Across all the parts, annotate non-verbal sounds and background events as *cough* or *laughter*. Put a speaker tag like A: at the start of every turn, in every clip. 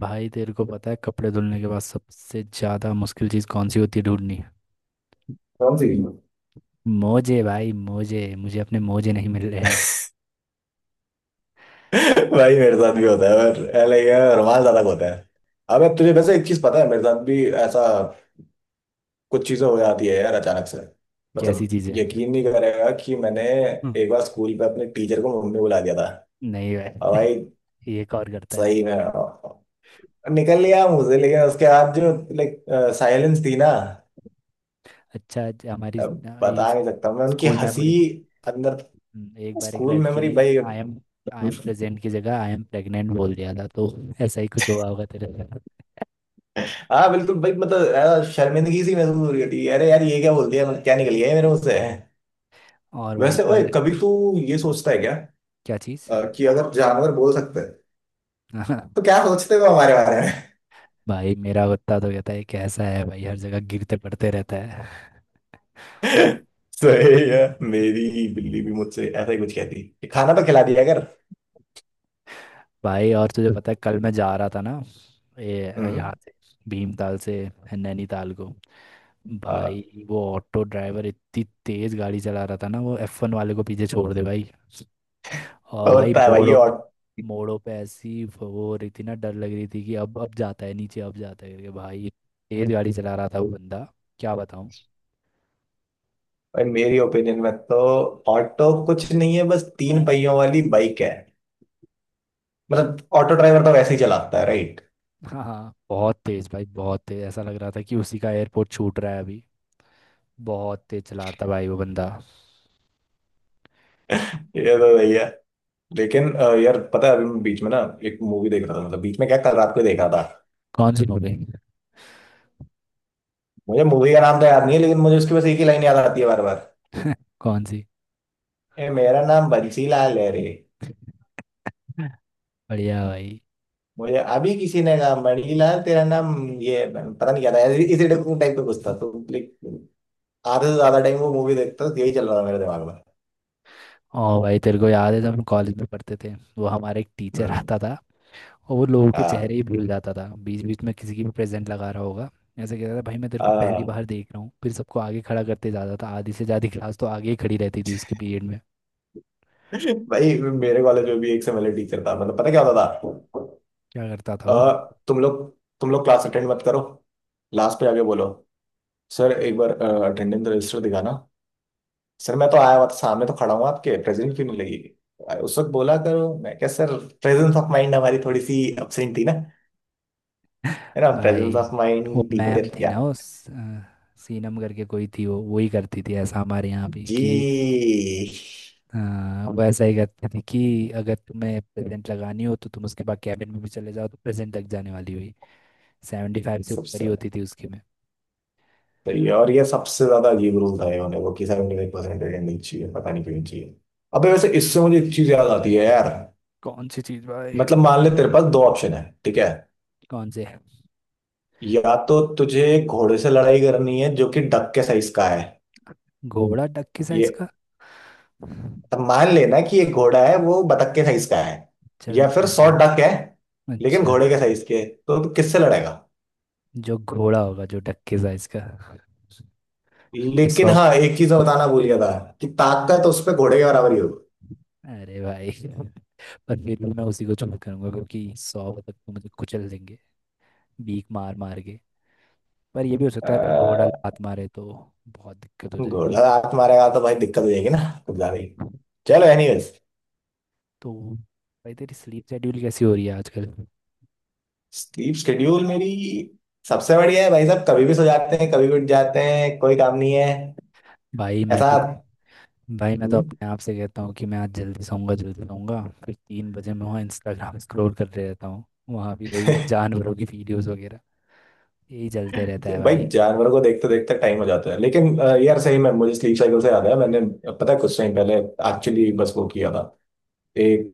A: भाई तेरे को पता है कपड़े धुलने के बाद सबसे ज्यादा मुश्किल चीज कौन सी होती है ढूंढनी?
B: कौन सी?
A: मोजे भाई, मोजे। मुझे अपने मोजे नहीं मिल रहे हैं।
B: भाई मेरे साथ भी होता है। और लाइक रुमाल ज्यादा होता है। अब तुझे वैसे एक चीज पता है, मेरे साथ भी ऐसा कुछ चीजें हो जाती है यार अचानक से।
A: कैसी
B: मतलब
A: चीज है?
B: यकीन नहीं करेगा कि मैंने
A: हम्म।
B: एक बार स्कूल पे अपने टीचर को मम्मी बुला दिया था।
A: नहीं
B: और भाई
A: भाई। *laughs* ये कौन करता है भाई?
B: सही में निकल लिया मुझे, लेकिन उसके बाद जो लाइक साइलेंस थी ना।
A: अच्छा, हमारी इस,
B: अब बता
A: इस
B: नहीं सकता मैं उनकी
A: स्कूल में
B: हंसी।
A: पूरी।
B: अंदर
A: हम्म। एक बार एक
B: स्कूल
A: लड़की
B: मेमोरी
A: ने
B: भाई।
A: I am I am present की जगह आई एम प्रेग्नेंट बोल दिया था, तो ऐसा ही कुछ हुआ होगा तेरे साथ।
B: हाँ बिल्कुल भाई, मतलब यार, शर्मिंदगी सी महसूस हो रही होती है, अरे यार ये क्या बोल दिया, मतलब क्या निकल गया ये मेरे मुंह से।
A: और भाई
B: वैसे ओए
A: कल।
B: कभी तू ये सोचता है क्या,
A: क्या चीज?
B: कि अगर जानवर बोल सकते हैं तो
A: *laughs*
B: क्या सोचते हो हमारे बारे में?
A: भाई मेरा कुत्ता तो कहता है कैसा है भाई, हर जगह गिरते पड़ते रहता है।
B: *laughs* सही है। मेरी बिल्ली भी मुझसे ऐसा ही कुछ कहती है कि खाना तो खिला दिया कर।
A: भाई और तुझे पता है कल मैं जा रहा था ना, ये
B: हम्म।
A: यहाँ से, भीमताल से नैनीताल को।
B: हाँ,
A: भाई वो ऑटो ड्राइवर इतनी तेज गाड़ी चला रहा था ना, वो F1 वाले को पीछे छोड़ दे भाई। और भाई
B: होता है भाई ये
A: मोड़ों पे,
B: ऑट।
A: ऐसी वो हो रही थी ना, डर लग रही थी कि अब जाता है नीचे, अब जाता है, करके भाई। तेज गाड़ी चला रहा था वो बंदा, क्या बताऊं।
B: भाई मेरी ओपिनियन में तो ऑटो कुछ नहीं है, बस तीन पहियों वाली बाइक है। मतलब ऑटो ड्राइवर तो वैसे ही चलाता है राइट।
A: हाँ हाँ, बहुत तेज भाई, बहुत तेज। ऐसा लग रहा था कि उसी का एयरपोर्ट छूट रहा है अभी। बहुत तेज चला रहा था भाई वो बंदा।
B: *laughs* ये तो भैया। लेकिन यार पता है अभी मैं बीच में ना एक मूवी देख रहा था, मतलब बीच में क्या, कल रात को देखा था।
A: कौन सी मूवी?
B: मुझे मूवी का नाम तो याद नहीं है, लेकिन मुझे उसकी बस एक ही लाइन याद आती है बार बार।
A: कौन सी?
B: ए मेरा नाम बंसीलाल है रे।
A: बढ़िया भाई।
B: मुझे अभी किसी ने कहा मणिलाल तेरा नाम, ये पता नहीं क्या था ऐसे- इसी टाइप का कुछ था, तो आधे से ज्यादा टाइम वो मूवी देखता था तो यही चल रहा था मेरे दिमाग में।
A: ओ भाई तेरे को याद है जब हम कॉलेज में पढ़ते थे, वो हमारा एक टीचर
B: हम्म।
A: आता था, और वो लोगों के चेहरे
B: हाँ
A: ही भूल जाता था। बीच बीच में किसी की भी प्रेजेंट लगा रहा होगा। ऐसे कहता था भाई, मैं तेरे को पहली
B: हाँ।
A: बार देख रहा हूँ, फिर सबको आगे खड़ा करते जाता था। आधी से ज़्यादा क्लास तो आगे ही खड़ी रहती थी उसके पीरियड में।
B: भाई मेरे कॉलेज में भी एक से टीचर था, मतलब पता क्या होता था।
A: क्या करता था
B: अ,
A: वो?
B: तुम लोग तुम लोग क्लास अटेंड मत करो, लास्ट पे आके बोलो सर एक बार अटेंडेंस रजिस्टर दिखाना। सर मैं तो आया हुआ था, सामने तो खड़ा हूँ आपके, प्रेजेंट क्यों नहीं लगी? उस वक्त बोला करो, मैं क्या सर प्रेजेंस ऑफ माइंड हमारी थोड़ी सी एब्सेंट थी ना। है ना प्रेजेंस
A: भाई
B: ऑफ
A: वो
B: माइंड
A: मैम
B: टीचर
A: थी
B: या।
A: ना उस, अ, सीनम करके कोई थी, वो वही करती थी। ऐसा हमारे यहाँ भी कि,
B: जी।
A: हाँ, वैसा ही करते थे कि अगर तुम्हें प्रेजेंट लगानी हो तो तुम उसके बाद कैबिन में भी चले जाओ तो प्रेजेंट लग जाने वाली हुई। 75 से ऊपर
B: सबसे
A: ही होती थी उसकी में।
B: सही है, और ये सबसे ज्यादा अजीब रूल था ये होने को कि 75% अटेंडेंस चाहिए, पता नहीं क्यों चाहिए। अबे वैसे इससे मुझे एक चीज याद आती है यार।
A: कौन सी चीज भाई?
B: मतलब मान ले तेरे पास दो ऑप्शन है ठीक है,
A: कौन से?
B: या तो तुझे घोड़े से लड़ाई करनी है जो कि डक के साइज का है।
A: घोड़ा डक के
B: ये
A: साइज का?
B: अब मान लेना कि एक घोड़ा है वो बतख के साइज का है,
A: चल,
B: या फिर
A: मान
B: सौ
A: लिया।
B: डक है लेकिन
A: अच्छा।
B: घोड़े के साइज के है, तो तू किससे लड़ेगा?
A: जो घोड़ा होगा जो डक के साइज का।
B: लेकिन
A: सौ।
B: हाँ एक चीज मैं बताना भूल गया था कि ताकत तो उस पे घोड़े के बराबर ही होगी।
A: अरे भाई, पर फिर भी मैं उसी को चूज करूंगा, क्योंकि 100 तक तो मुझे कुचल देंगे, बीक मार मार के। पर ये भी हो
B: अ,
A: सकता है अगर घोड़ा लात मारे तो बहुत दिक्कत हो।
B: घोड़ा हाथ मारेगा तो भाई दिक्कत हो जाएगी ना, कुछ ज्यादा ही।
A: तो
B: चलो एनीवेज।
A: भाई तेरी स्लीप शेड्यूल कैसी हो रही है आजकल?
B: स्लीप शेड्यूल मेरी सबसे बढ़िया है भाई साहब, कभी भी सो जाते हैं कभी भी उठ जाते हैं, कोई काम नहीं है
A: भाई मैं
B: ऐसा।
A: तो भाई मैं तो
B: हम्म।
A: अपने आप से कहता हूँ कि मैं आज जल्दी सोऊंगा, जल्दी सोऊंगा, फिर 3 बजे मैं वहाँ इंस्टाग्राम स्क्रॉल कर रहे रहता हूँ। वहाँ भी वही
B: *laughs*
A: जानवरों की वीडियोस वगैरह, यही चलते रहता है
B: भाई
A: भाई।
B: जानवरों को देखते देखते टाइम हो जाता है, लेकिन यार सही में मुझे स्लीप साइकिल से याद है मैंने। पता है कुछ टाइम पहले एक्चुअली बस वो किया था, एक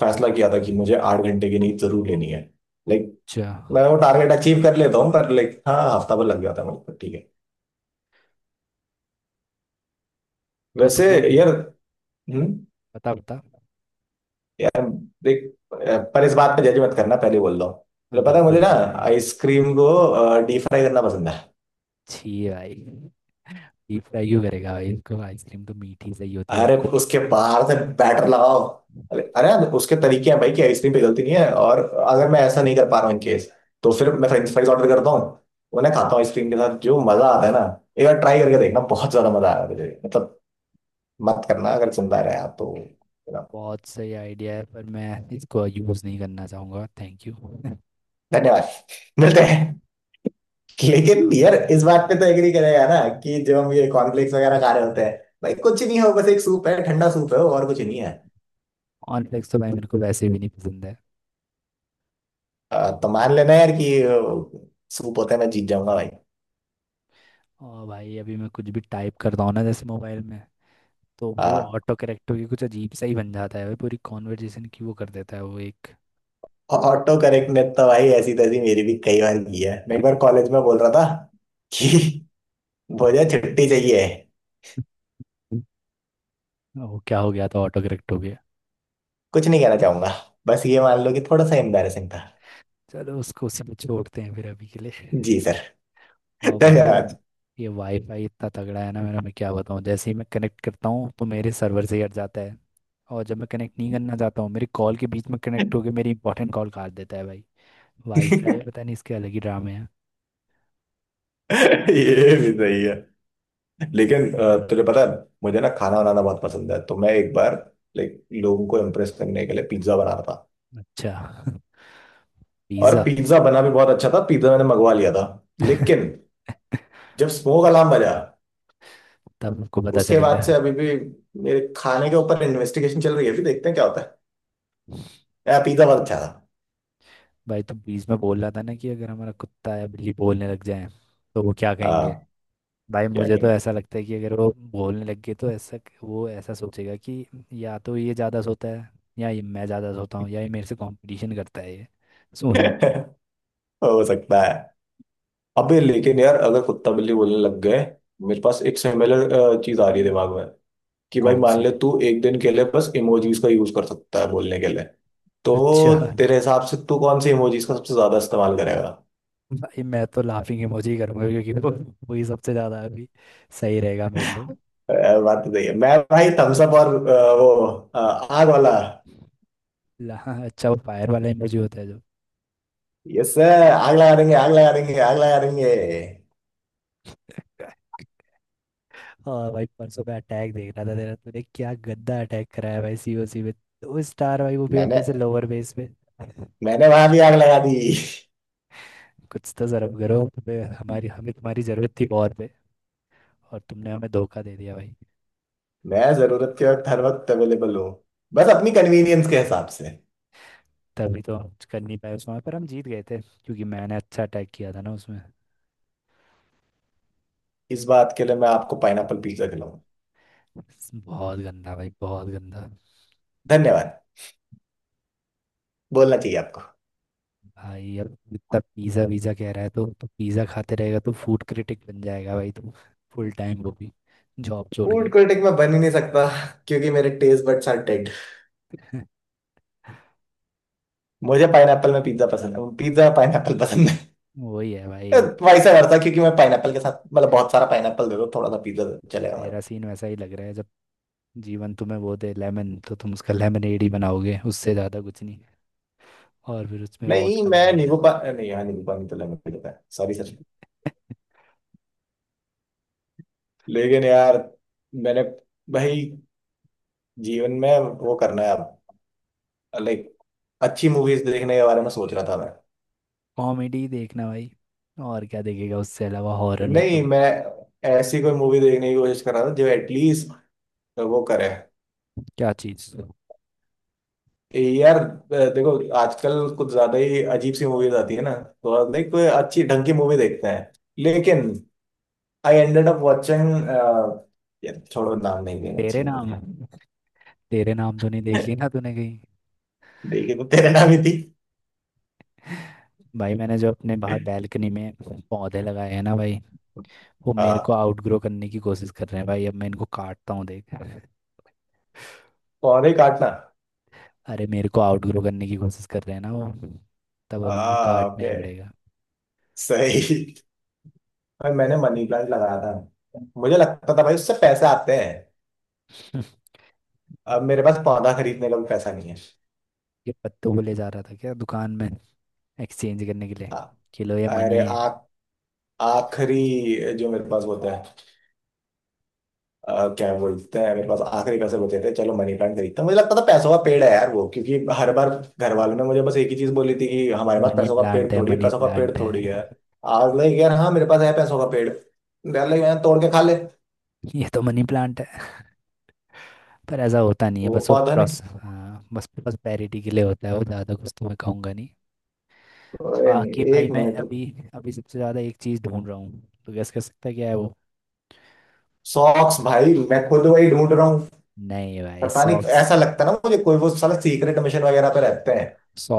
B: फैसला किया था कि मुझे आठ घंटे की नींद जरूर लेनी है। लाइक
A: अच्छा।
B: मैं वो टारगेट अचीव कर लेता हूँ, पर लाइक हाँ हफ्ता भर लग जाता है मुझे ठीक है।
A: तो
B: वैसे
A: तुझे,
B: यार हम्म
A: बता बता।
B: देख, पर इस बात पे जज मत करना पहले बोल रहा हूँ। तो
A: हाँ,
B: पता है
A: बिल्कुल
B: मुझे ना,
A: नहीं भाई।
B: आइसक्रीम को डीप फ्राई करना पसंद है।
A: छी भाई, डीप फ्राई क्यों करेगा भाई इसको? आइसक्रीम तो मीठी सही होती है और
B: अरे
A: को।
B: उसके बाहर से बैटर लगाओ। अरे अरे यार, उसके तरीके हैं भाई कि आइसक्रीम पे गलती नहीं है, और अगर मैं ऐसा नहीं कर पा रहा हूँ इन केस तो फिर मैं फ्रेंच फ्राइज ऑर्डर करता हूँ, उन्हें खाता हूँ आइसक्रीम के साथ जो मजा आता है ना। एक बार ट्राई करके देखना, बहुत ज्यादा मजा आया मुझे मतलब। मत करना अगर सुनता रहे आप तो।
A: बहुत सही आइडिया है, पर मैं इसको यूज़ नहीं करना चाहूँगा, थैंक यू। *laughs*
B: धन्यवाद। *laughs* मिलते हैं। लेकिन यार इस बात पे तो एग्री करेगा ना, कि जब हम ये कॉर्नफ्लेक्स वगैरह खा रहे होते हैं भाई कुछ नहीं हो, बस एक सूप है, ठंडा सूप है वो, और कुछ नहीं है।
A: कॉर्नफ्लेक्स तो भाई मेरे को वैसे भी नहीं पसंद है।
B: तो मान लेना यार कि सूप होता है, मैं जीत जाऊंगा।
A: और भाई अभी मैं कुछ भी टाइप करता हूँ ना जैसे मोबाइल में, तो भाई वो
B: भाई
A: ऑटो करेक्ट होके कुछ अजीब सा ही बन जाता है भाई। पूरी कॉन्वर्जेशन की वो कर देता है वो एक।
B: ऑटो करेक्ट ने तो भाई ऐसी तैसी मेरी भी कई बार की है। मैं एक बार कॉलेज में बोल रहा था
A: क्या?
B: कि मुझे छुट्टी चाहिए।
A: *laughs* वो क्या हो गया था, ऑटो करेक्ट हो गया?
B: कुछ नहीं कहना चाहूंगा, बस ये मान लो कि थोड़ा सा एम्बैरेसिंग था।
A: चलो, उसको उसी में छोड़ते हैं फिर अभी के लिए।
B: जी सर।
A: और भाई ये
B: धन्यवाद।
A: ये वाईफाई इतना तगड़ा है ना मेरा, मैं क्या बताऊँ। जैसे ही मैं कनेक्ट करता हूँ तो मेरे सर्वर से ही हट जाता है, और जब मैं कनेक्ट नहीं करना चाहता हूँ, मेरी कॉल के बीच में कनेक्ट होके मेरी इंपॉर्टेंट कॉल काट देता है भाई। वाईफाई, पता नहीं इसके अलग ही ड्रामे हैं।
B: *laughs* ये भी सही है। लेकिन तुझे पता है मुझे ना खाना बनाना बहुत पसंद है, तो मैं एक बार लाइक लोगों को इम्प्रेस करने के लिए पिज्जा बना रहा था।
A: अच्छा। *laughs*
B: और
A: पिज़्ज़ा।
B: पिज्जा बना भी बहुत अच्छा था, पिज्जा मैंने मंगवा लिया था।
A: *laughs*
B: लेकिन जब स्मोक अलार्म बजा,
A: तब हमको पता
B: उसके
A: चल
B: बाद
A: गया।
B: से अभी भी मेरे खाने के ऊपर इन्वेस्टिगेशन चल रही है, अभी देखते हैं क्या होता है। यार पिज्जा बहुत अच्छा था।
A: भाई तू बीच में बोल रहा था ना कि अगर हमारा कुत्ता या बिल्ली बोलने लग जाए तो वो क्या
B: हाँ।
A: कहेंगे? भाई
B: क्या
A: मुझे तो
B: कहेंगे?
A: ऐसा लगता है कि अगर वो बोलने लग गए तो ऐसा, वो ऐसा सोचेगा कि या तो ये ज़्यादा सोता है, या ये मैं ज़्यादा सोता हूँ, या ये मेरे से कंपटीशन करता है ये
B: *laughs*
A: सोने।
B: हो सकता है। अबे लेकिन यार अगर कुत्ता बिल्ली बोलने लग गए, मेरे पास एक सिमिलर चीज आ रही है दिमाग में, कि भाई
A: कौन
B: मान
A: सी?
B: ले तू एक दिन के लिए बस इमोजीज का यूज कर सकता है बोलने के लिए,
A: अच्छा।
B: तो तेरे हिसाब से तू कौन सी इमोजीज का सबसे ज्यादा इस्तेमाल करेगा?
A: भाई मैं तो लाफिंग इमोजी ही करूँगा, क्योंकि वो, वही सबसे ज़्यादा अभी सही रहेगा मेरे लिए।
B: बात तो सही है। मैं भाई थम्स अप और वो, आग वाला।
A: हाँ, अच्छा वो फायर वाला इमोजी होता है जो।
B: यस सर आग लगा देंगे आग लगा देंगे आग लगा देंगे।
A: और भाई परसों का अटैक देख रहा था तेरा, तूने क्या गंदा अटैक कराया भाई सीओसी में। 2 स्टार भाई, वो भी
B: मैंने,
A: अपने से लोअर बेस में।
B: मैंने वहां भी आग लगा दी।
A: कुछ तो शर्म करो, तुम्हें हमारी, हमें तुम्हारी जरूरत थी और पे, और तुमने हमें धोखा दे दिया भाई।
B: मैं जरूरत के वक्त हर वक्त अवेलेबल हूँ, बस अपनी कन्वीनियंस के हिसाब से।
A: तभी तो हम कुछ कर नहीं पाए उस, वहाँ पर हम जीत गए थे क्योंकि मैंने अच्छा अटैक किया था ना उसमें।
B: इस बात के लिए मैं आपको पाइनएप्पल पिज्जा खिलाऊंगा।
A: बहुत गंदा भाई, बहुत गंदा।
B: धन्यवाद बोलना चाहिए आपको।
A: भाई अब इतना पिज्ज़ा वीज़ा कह रहा है तो, पिज़्ज़ा खाते रहेगा तो फूड क्रिटिक बन जाएगा भाई तू, फुल टाइम, वो भी जॉब छोड़
B: फूड
A: के।
B: क्रिटिक मैं बन ही नहीं सकता क्योंकि मेरे टेस्ट बड्स आर डेड। मुझे पाइनएप्पल में पिज्जा पसंद है, पिज्जा पाइनएप्पल पसंद है।
A: वही है भाई।
B: *laughs* वैसा करता क्योंकि मैं पाइनएप्पल के साथ, मतलब बहुत सारा पाइनएप्पल दे दो थोड़ा सा पिज्जा, चलेगा
A: तेरा
B: हमारा।
A: सीन वैसा ही लग रहा है जब जीवन तुम्हें वो दे लेमन, तो तुम उसका लेमनेड ही बनाओगे, उससे ज़्यादा कुछ नहीं। और फिर उसमें
B: नहीं
A: वोडका
B: मैं
A: डाल
B: नींबू
A: दोगे।
B: पा नहीं यार नींबू पानी तो लेमन पीता है सॉरी सर।
A: *laughs*
B: लेकिन यार मैंने भाई जीवन में वो करना है अब। लाइक अच्छी मूवीज देखने के बारे में सोच रहा था मैं।
A: कॉमेडी देखना भाई, और क्या देखेगा उससे अलावा? हॉरर में
B: नहीं
A: तो।
B: मैं ऐसी कोई मूवी देखने की कोशिश कर रहा था जो एटलीस्ट वो करे।
A: क्या चीज़?
B: यार देखो, आजकल कुछ ज्यादा ही अजीब सी मूवीज आती है ना, तो लाइक कोई अच्छी ढंग की मूवी देखते हैं, लेकिन आई एंडेड अप वॉचिंग, छोड़ो नाम नहीं लेना
A: तेरे
B: चाहिए
A: नाम,
B: मुझे।
A: तेरे नाम तो नहीं देख ली ना
B: *laughs*
A: तूने कहीं?
B: देखी तो तेरे नाम ही थी।
A: भाई मैंने जो अपने बाहर बैल्कनी में पौधे लगाए हैं ना भाई, वो मेरे को
B: हाँ,
A: आउटग्रो करने की कोशिश कर रहे हैं भाई। अब मैं इनको काटता हूँ देख।
B: पौधे काटना।
A: अरे, मेरे को आउटग्रो करने की कोशिश कर रहे हैं ना वो, तब अब इनको
B: हाँ
A: काटना
B: ओके,
A: ही पड़ेगा।
B: सही। भाई मैंने मनी प्लांट लगाया था, मुझे लगता था भाई उससे पैसे आते हैं।
A: *laughs*
B: अब मेरे पास पौधा खरीदने का भी पैसा नहीं है।
A: ये पत्तों को ले जा रहा था क्या दुकान में एक्सचेंज करने के लिए,
B: हाँ।
A: कि लो ये
B: अरे
A: मनी है?
B: आ, आखिरी जो मेरे पास होता है, क्या बोलते हैं, मेरे पास आखिरी पैसे बचे थे, चलो मनी प्लांट खरीदता हूं। मुझे लगता था पैसों का पेड़ है यार वो, क्योंकि हर बार घर वालों ने मुझे बस एक ही चीज बोली थी कि हमारे पास
A: मनी
B: पैसों का पेड़
A: प्लांट है,
B: थोड़ी है,
A: मनी
B: पैसों का पेड़
A: प्लांट
B: थोड़ी
A: है।
B: है। आज लाइक यार हाँ मेरे पास है पैसों का पेड़। यार लाइक यार तोड़ के खा ले।
A: ये तो मनी प्लांट है। पर ऐसा होता नहीं है,
B: वो
A: बस वो
B: पौधा निकल,
A: प्रोस, हाँ बस प्रॉस्पेरिटी के लिए होता है वो, ज़्यादा कुछ तो मैं कहूँगा नहीं।
B: अरे नहीं,
A: बाकी भाई
B: एक
A: मैं
B: मिनट।
A: अभी, सबसे ज़्यादा एक चीज़ ढूंढ रहा हूँ, तो गैस कर सकता है क्या है वो?
B: सॉक्स भाई मैं खुद वही ढूंढ रहा हूँ।
A: नहीं भाई,
B: पता नहीं
A: सॉक्स।
B: ऐसा लगता है ना मुझे, कोई वो साला सीक्रेट मिशन वगैरह पे रहते हैं।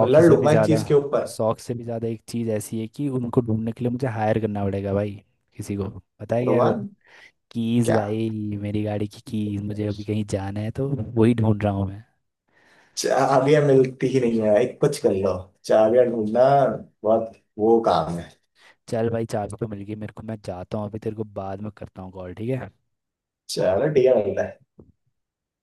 B: मैं लड़
A: से भी
B: लूंगा इस
A: ज़्यादा,
B: चीज के ऊपर।
A: सॉक्स से भी ज़्यादा एक चीज़ ऐसी है कि उनको ढूंढने के लिए मुझे हायर करना पड़ेगा भाई किसी को। पता है क्या है वो?
B: भगवान।
A: कीज
B: क्या?
A: भाई। मेरी गाड़ी की कीज। मुझे अभी कहीं जाना है तो वही ढूंढ रहा हूँ मैं।
B: चाबियां मिलती ही नहीं है भाई, कुछ कर लो। चाबियां ढूंढना बहुत वो काम है।
A: चल भाई, चाबी तो मिल गई मेरे को, मैं जाता हूँ। अभी तेरे को बाद में करता हूँ कॉल, ठीक है।
B: चलो ठीक है मिलता है।